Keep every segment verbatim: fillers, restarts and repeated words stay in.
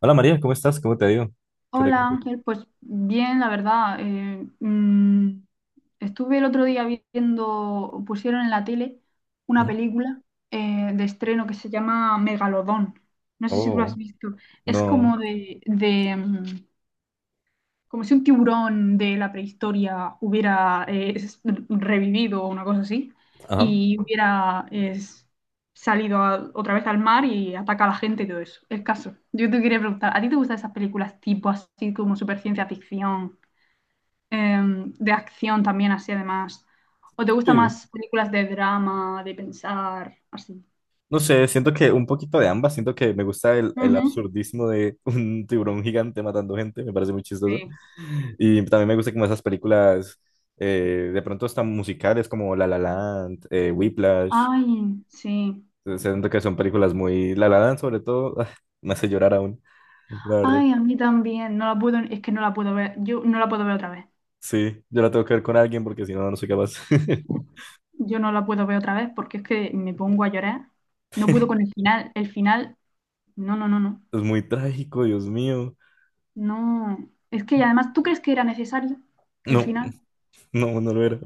Hola María, ¿cómo estás? ¿Cómo te ha ido? ¿Qué te Hola cuento? Ángel, pues bien, la verdad. Eh, mm, estuve el otro día viendo, pusieron en la tele una Ujú. película eh, de estreno que se llama Megalodón. No sé si tú lo has Oh, visto. Es no. como de, de, mm, como si un tiburón de la prehistoria hubiera eh, es- revivido o una cosa así, Ajá. y hubiera es, salido a- otra vez al mar y ataca a la gente y todo eso. El caso. Yo te quería preguntar, ¿a ti te gustan esas películas tipo así como super ciencia ficción, em, de acción también así además? ¿O te gustan Sí. más películas de drama, de pensar, así? No sé, siento que un poquito de ambas. Siento que me gusta el, el Ujú. absurdismo de un tiburón gigante matando gente. Me parece muy chistoso. Sí. Y también me gusta como esas películas eh, de pronto están musicales como La La Land, eh, Whiplash. Ay, sí. Eh, Siento que son películas muy... La La Land sobre todo ah, me hace llorar aún, la verdad. Ay, a mí también. No la puedo, es que no la puedo ver. Yo no la puedo ver otra vez. Sí, yo la tengo que ver con alguien porque si no, no soy capaz. Yo no la puedo ver otra vez porque es que me pongo a llorar. No puedo con el final. El final, no, no, no, no. Es muy trágico, Dios mío. No. Es que y además, ¿tú crees que era necesario el No, final? no, no lo era.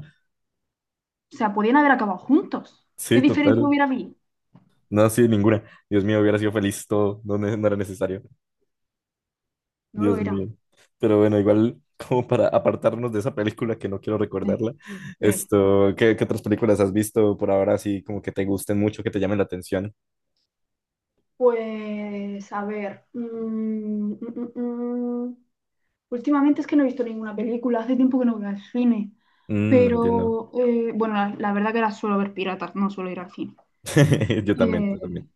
O sea, podían haber acabado juntos. ¿Qué Sí, diferencia total. hubiera habido? No, sí, ninguna. Dios mío, hubiera sido feliz todo. No, ne- no era necesario. No lo Dios era. mío. Pero bueno, igual, como para apartarnos de esa película que no quiero Sí, recordarla, sí. esto, ¿qué, qué otras películas has visto por ahora así como que te gusten mucho, que te llamen la atención? Pues, a ver. mm, mm, mm, mm. Últimamente es que no he visto ninguna película, hace tiempo que no voy al cine. Mm, entiendo. Pero, eh, bueno, la, la verdad que ahora suelo ver piratas, no suelo ir al cine. Yo también, yo Eh, también.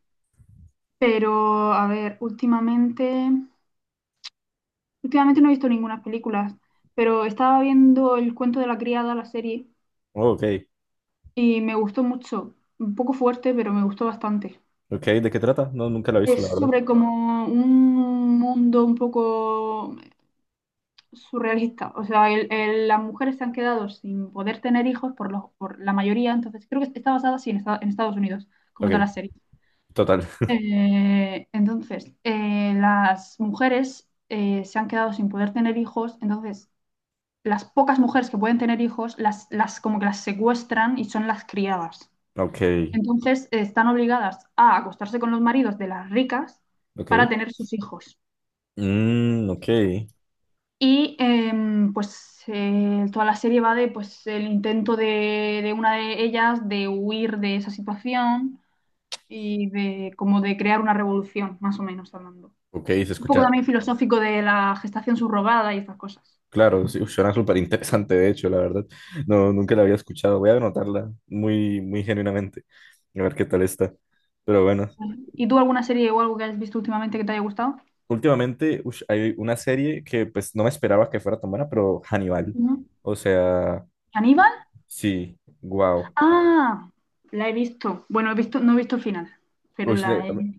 Pero, a ver, últimamente, últimamente no he visto ninguna película, pero estaba viendo El cuento de la criada, la serie, Oh, ok. y me gustó mucho. Un poco fuerte, pero me gustó bastante. Ok, ¿de qué trata? No, nunca la he visto, la Es verdad. sobre como un mundo un poco surrealista. O sea, el- el- las mujeres se han quedado sin poder tener hijos por, los- por la mayoría, entonces creo que está basada sí, en, Esta- en Estados Unidos, como Ok, toda la serie. total. Eh, entonces, eh, las mujeres eh, se han quedado sin poder tener hijos, entonces las pocas mujeres que pueden tener hijos, las, las como que las secuestran y son las criadas. Ok, Entonces eh, están obligadas a acostarse con los maridos de las ricas para ok. tener sus hijos. Mm, ok. Y em, pues eh, toda la serie va de pues el intento de, de una de ellas de huir de esa situación y de como de crear una revolución, más o menos hablando. Ok, se Es un poco escucha. también filosófico de la gestación subrogada y estas cosas. Claro, sí, uf, suena súper interesante, de hecho, la verdad. No, nunca la había escuchado. Voy a anotarla muy, muy genuinamente, a ver qué tal está. Pero bueno, Ujú. ¿Y tú alguna serie o algo que hayas visto últimamente que te haya gustado? últimamente ush, hay una serie que pues no me esperaba que fuera tan buena, pero Hannibal. Ujú. O sea, ¿Aníbal? sí, wow. Ah, la he visto. Bueno, he visto, no he visto el final, pero la he...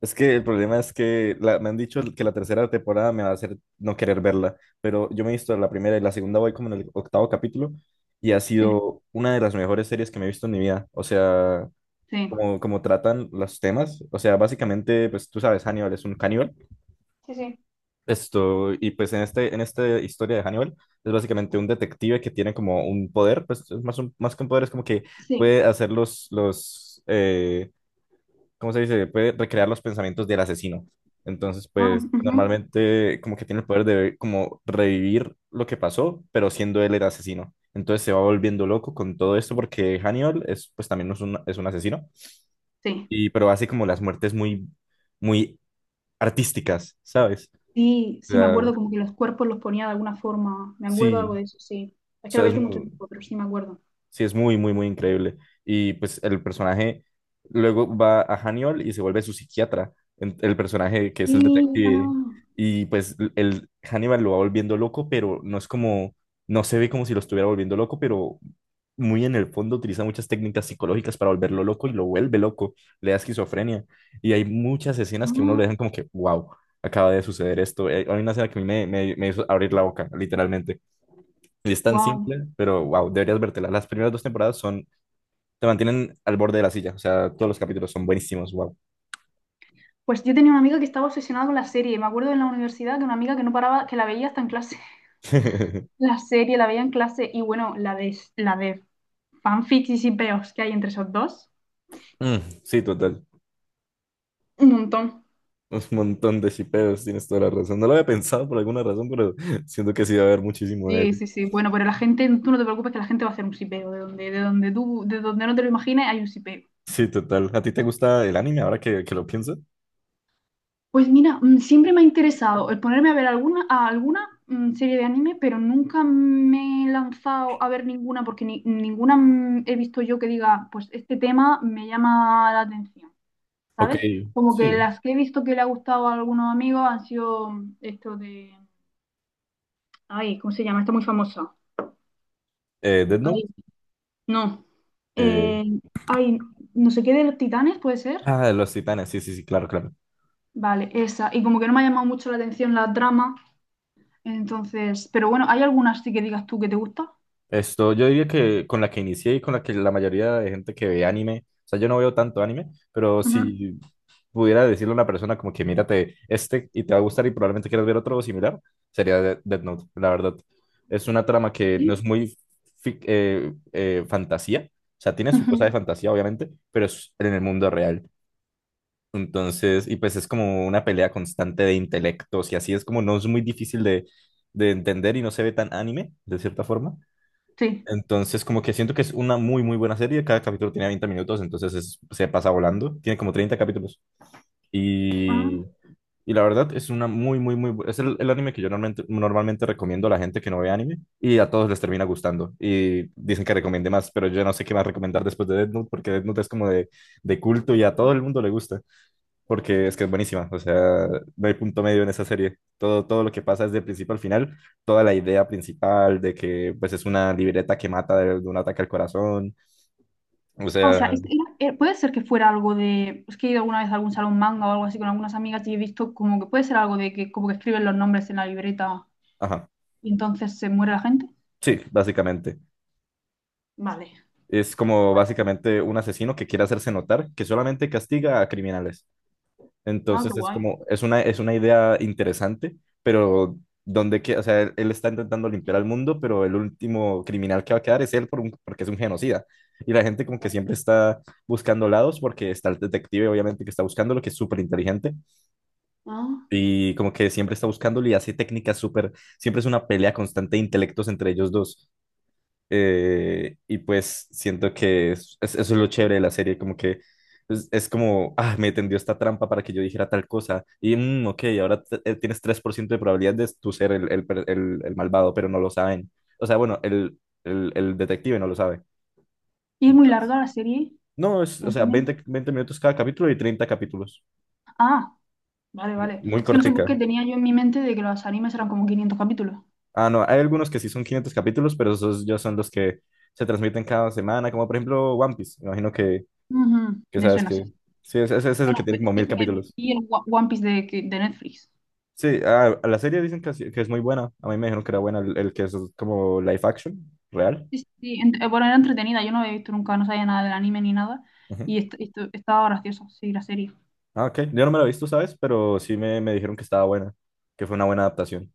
Es que el problema es que la- me han dicho que la tercera temporada me va a hacer no querer verla, pero yo me he visto la primera y la segunda voy como en el octavo capítulo y ha Sí, sido una de las mejores series que me he visto en mi vida. O sea... sí. como, como tratan los temas. O sea, básicamente, pues tú sabes, Hannibal es un caníbal. Sí, sí. Esto, y pues en este, en esta historia de Hannibal, es básicamente un detective que tiene como un poder, pues es más, un- más que un poder, es como que Sí. puede hacer los, los, eh, ¿cómo se dice? Puede recrear los pensamientos del asesino. Entonces, Ah, pues ujú. normalmente como que tiene el poder de como revivir lo que pasó, pero siendo él el asesino. Entonces se va volviendo loco con todo esto porque Hannibal es pues también es un, es un asesino Sí, y, pero hace como las muertes muy, muy artísticas, ¿sabes? sí, O sí, me sea, acuerdo como que los cuerpos los ponía de alguna forma. Me acuerdo algo sí, de eso, sí. Es o que la sea, vi es hace mucho muy, tiempo, pero sí me acuerdo. sí, es muy, muy, muy increíble. Y pues el personaje luego va a Haniol y se vuelve su psiquiatra, en- el personaje que es el Y, detective. ah, Y pues l- el Hannibal lo va volviendo loco, pero no es como, no se ve como si lo estuviera volviendo loco, pero muy en el fondo utiliza muchas técnicas psicológicas para volverlo loco y lo vuelve loco, le da esquizofrenia. Y hay muchas escenas que uno ah, le dejan como que, wow, acaba de suceder esto. Eh, Hay una escena que a mí me, me me hizo abrir la boca, literalmente y es tan wow. simple, pero wow, deberías vértela. Las primeras dos temporadas son, te mantienen al borde de la silla. O sea, todos los capítulos son buenísimos, wow. Pues yo tenía una amiga que estaba obsesionada con la serie. Me acuerdo en la universidad que una amiga que no paraba, que la veía hasta en clase. La serie la veía en clase y bueno, la de, la de fanfics y peos que hay entre esos dos. Mm, sí, total. Un montón. Un montón de shipeos, tienes toda la razón. No lo había pensado por alguna razón, pero siento que sí va a haber muchísimo de Sí, eso. sí, sí. Bueno, pero la gente, tú no te preocupes que la gente va a hacer un sipeo. De donde, de donde tú, de donde no te lo imagines, hay un sipeo. Sí, total. ¿A ti te gusta el anime ahora que, que lo pienso? Pues mira, mm, siempre me ha interesado el ponerme a ver alguna, a alguna mm, serie de anime, pero nunca me he lanzado a ver ninguna porque ni- ninguna mm, he visto yo que diga, pues este tema me llama la atención, Ok, ¿sabes? Como que sí. las que he visto que le ha gustado a algunos amigos han sido mm, esto de, ay, ¿cómo se llama? Está muy famosa. Eh, Death Ay, Note. no. Eh, Eh, ay, no sé qué de los titanes, ¿puede ser? ah, Los Titanes, sí, sí, sí, claro, claro. Vale, esa. Y como que no me ha llamado mucho la atención la trama, entonces, pero bueno, ¿hay algunas sí que digas tú que te gusta? Esto, yo diría que con la que inicié y con la que la mayoría de gente que ve anime, o sea, yo no veo tanto anime, pero Ujú. si pudiera decirle a una persona como que mírate este y te va a gustar y probablemente quieras ver otro similar, sería De- Death Note, la verdad. Es una trama que no es Sí. muy fic- eh, eh, fantasía, o sea, tiene su cosa de Ujú. fantasía, obviamente, pero es en el mundo real. Entonces, y pues es como una pelea constante de intelectos y así es como no es muy difícil de, de entender y no se ve tan anime, de cierta forma. Sí. Entonces, como que siento que es una muy, muy buena serie. Cada capítulo tiene veinte minutos, entonces es- se pasa volando. Tiene como treinta capítulos. Y, Ah, y la verdad es una muy, muy, muy... bu- Es el, el anime que yo normalmente, normalmente recomiendo a la gente que no ve anime y a todos les termina gustando. Y dicen que recomiende más, pero yo no sé qué más recomendar después de Death Note porque Death Note es como de, de culto y a todo sí. el mundo le gusta porque es que es buenísima, o sea, no hay punto medio en esa serie. Todo, todo lo que pasa es de principio al final, toda la idea principal de que pues es una libreta que mata de, de un ataque al corazón, o O sea, sea, es- era- era- eh, puede ser que fuera algo de, es que he ido alguna vez a algún salón manga o algo así con algunas amigas y he visto como que puede ser algo de que como que escriben los nombres en la libreta ajá, y entonces se muere la gente. sí, básicamente. Vale. Es como básicamente un asesino que quiere hacerse notar que solamente castiga a criminales. Ah, qué Entonces es guay. como, es una, es una idea interesante, pero donde que, o sea, él, él está intentando limpiar al mundo, pero el último criminal que va a quedar es él por un- porque es un genocida. Y la gente como que siempre está buscando lados porque está el detective, obviamente, que está buscándolo, que es súper inteligente Ah. y como que siempre está buscándolo y hace técnicas súper, siempre es una pelea constante de intelectos entre ellos dos. Eh, y pues siento que es- es- eso es lo chévere de la serie, como que es, es como, ah, me tendió esta trampa para que yo dijera tal cosa. Y, mm, ok, ahora t- eh, tienes tres por ciento de probabilidad de tú ser el, el per- el- el malvado, pero no lo saben. O sea, bueno, el, el- el detective no lo sabe. Y es muy Entonces, larga la serie, no, es, el o sea, anime. veinte veinte minutos cada capítulo y treinta capítulos. Ah, vale, vale. Muy Es que no sé por qué cortica. tenía yo en mi mente de que los animes eran como quinientos capítulos. Ah, no, hay algunos que sí son quinientos capítulos, pero esos ya son los que se transmiten cada semana, como por ejemplo One Piece. Me imagino que Ujú, Que me sabes suena así. que. Sí, ese, ese es el Bueno, que tiene es como que mil me capítulos. vi el Wa- One Piece de, que- de Netflix. Sí, a, a la serie dicen que, así- que es muy buena. A mí me dijeron que era buena el, el que es como live action, real. Sí, sí, sí, ent- eh, bueno, era entretenida, yo no había visto nunca, no sabía nada del anime ni nada. Ujú. Y est- esto- estaba gracioso, sí, la serie. Ah, ok. Yo no me la he visto, ¿sabes? Pero sí me, me dijeron que estaba buena, que fue una buena adaptación.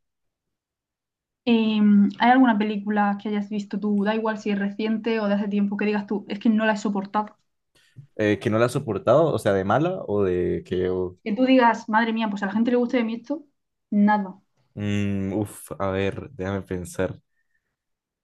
Em, ¿hay alguna película que hayas visto tú? Da igual si es reciente o de hace tiempo, que digas tú, es que no la he soportado. Eh, ¿que no la has soportado? O sea, de mala o de que. Sí. O- Que tú digas, madre mía, pues a la gente le guste de mí esto, nada. Mm, uf, a ver, déjame pensar.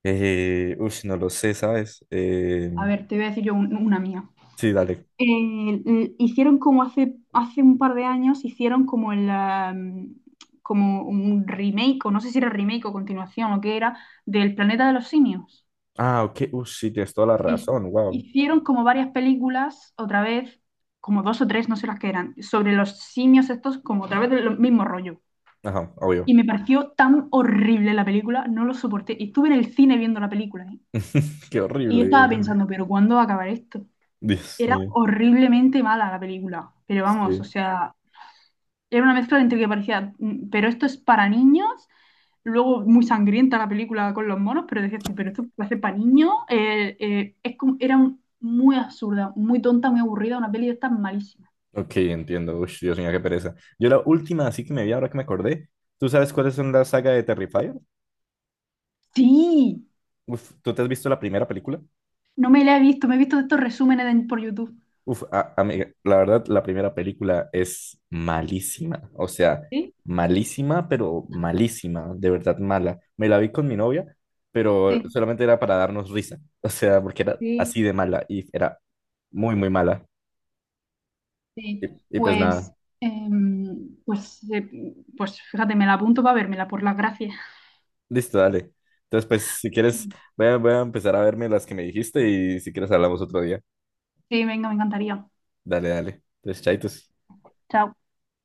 Eh, ush, no lo sé, ¿sabes? Eh, A ver, te voy a decir yo un- una mía. sí, dale. Eh, l- hicieron como hace, hace un par de años, hicieron como el am, como un remake, o no sé si era remake o continuación o qué era, del Planeta de los Simios. Ah, ok. Uff sí, tienes toda la Hic- razón. Wow. Hicieron como varias películas, otra vez, como dos o tres, no sé las que eran, sobre los simios estos, como otra vez el mismo rollo. Ajá, Y obvio. me pareció tan horrible la película, no lo soporté. Y estuve en el cine viendo la película, ¿eh? Qué Y horrible. estaba Dios mío. pensando, ¿pero cuándo va a acabar esto? Dios Era mío. horriblemente mala la película, pero vamos, o Sí. sea, era una mezcla entre que parecía, mm, pero esto es para niños, luego muy sangrienta la película con los monos, pero decías tú, pero esto parece para niños. Eh, eh, es como- era un- Muy absurda, muy tonta, muy aburrida, una peli de estas malísima. Ok, entiendo. Uy, Dios mío, qué pereza. Yo la última, así que me vi ahora que me acordé. ¿Tú sabes cuáles son la saga de Terrifier? Sí, Uf, ¿tú te has visto la primera película? no me la he visto, me he visto de estos resúmenes de- por YouTube. Uf, a- amiga, la verdad, la primera película es malísima. O sea, Sí, malísima, pero malísima, de verdad mala. Me la vi con mi novia, pero sí, solamente era para darnos risa. O sea, porque era sí, así de mala y era muy, muy mala. Y sí. y pues nada. Pues, em, pues, eh, pues fíjate, me la apunto para vérmela, por las gracias. Listo, dale. Entonces, pues, si quieres, voy a, voy a empezar a verme las que me dijiste y si quieres hablamos otro día. Sí, venga, me encantaría. Dale, dale. Entonces, chaitos. Chao.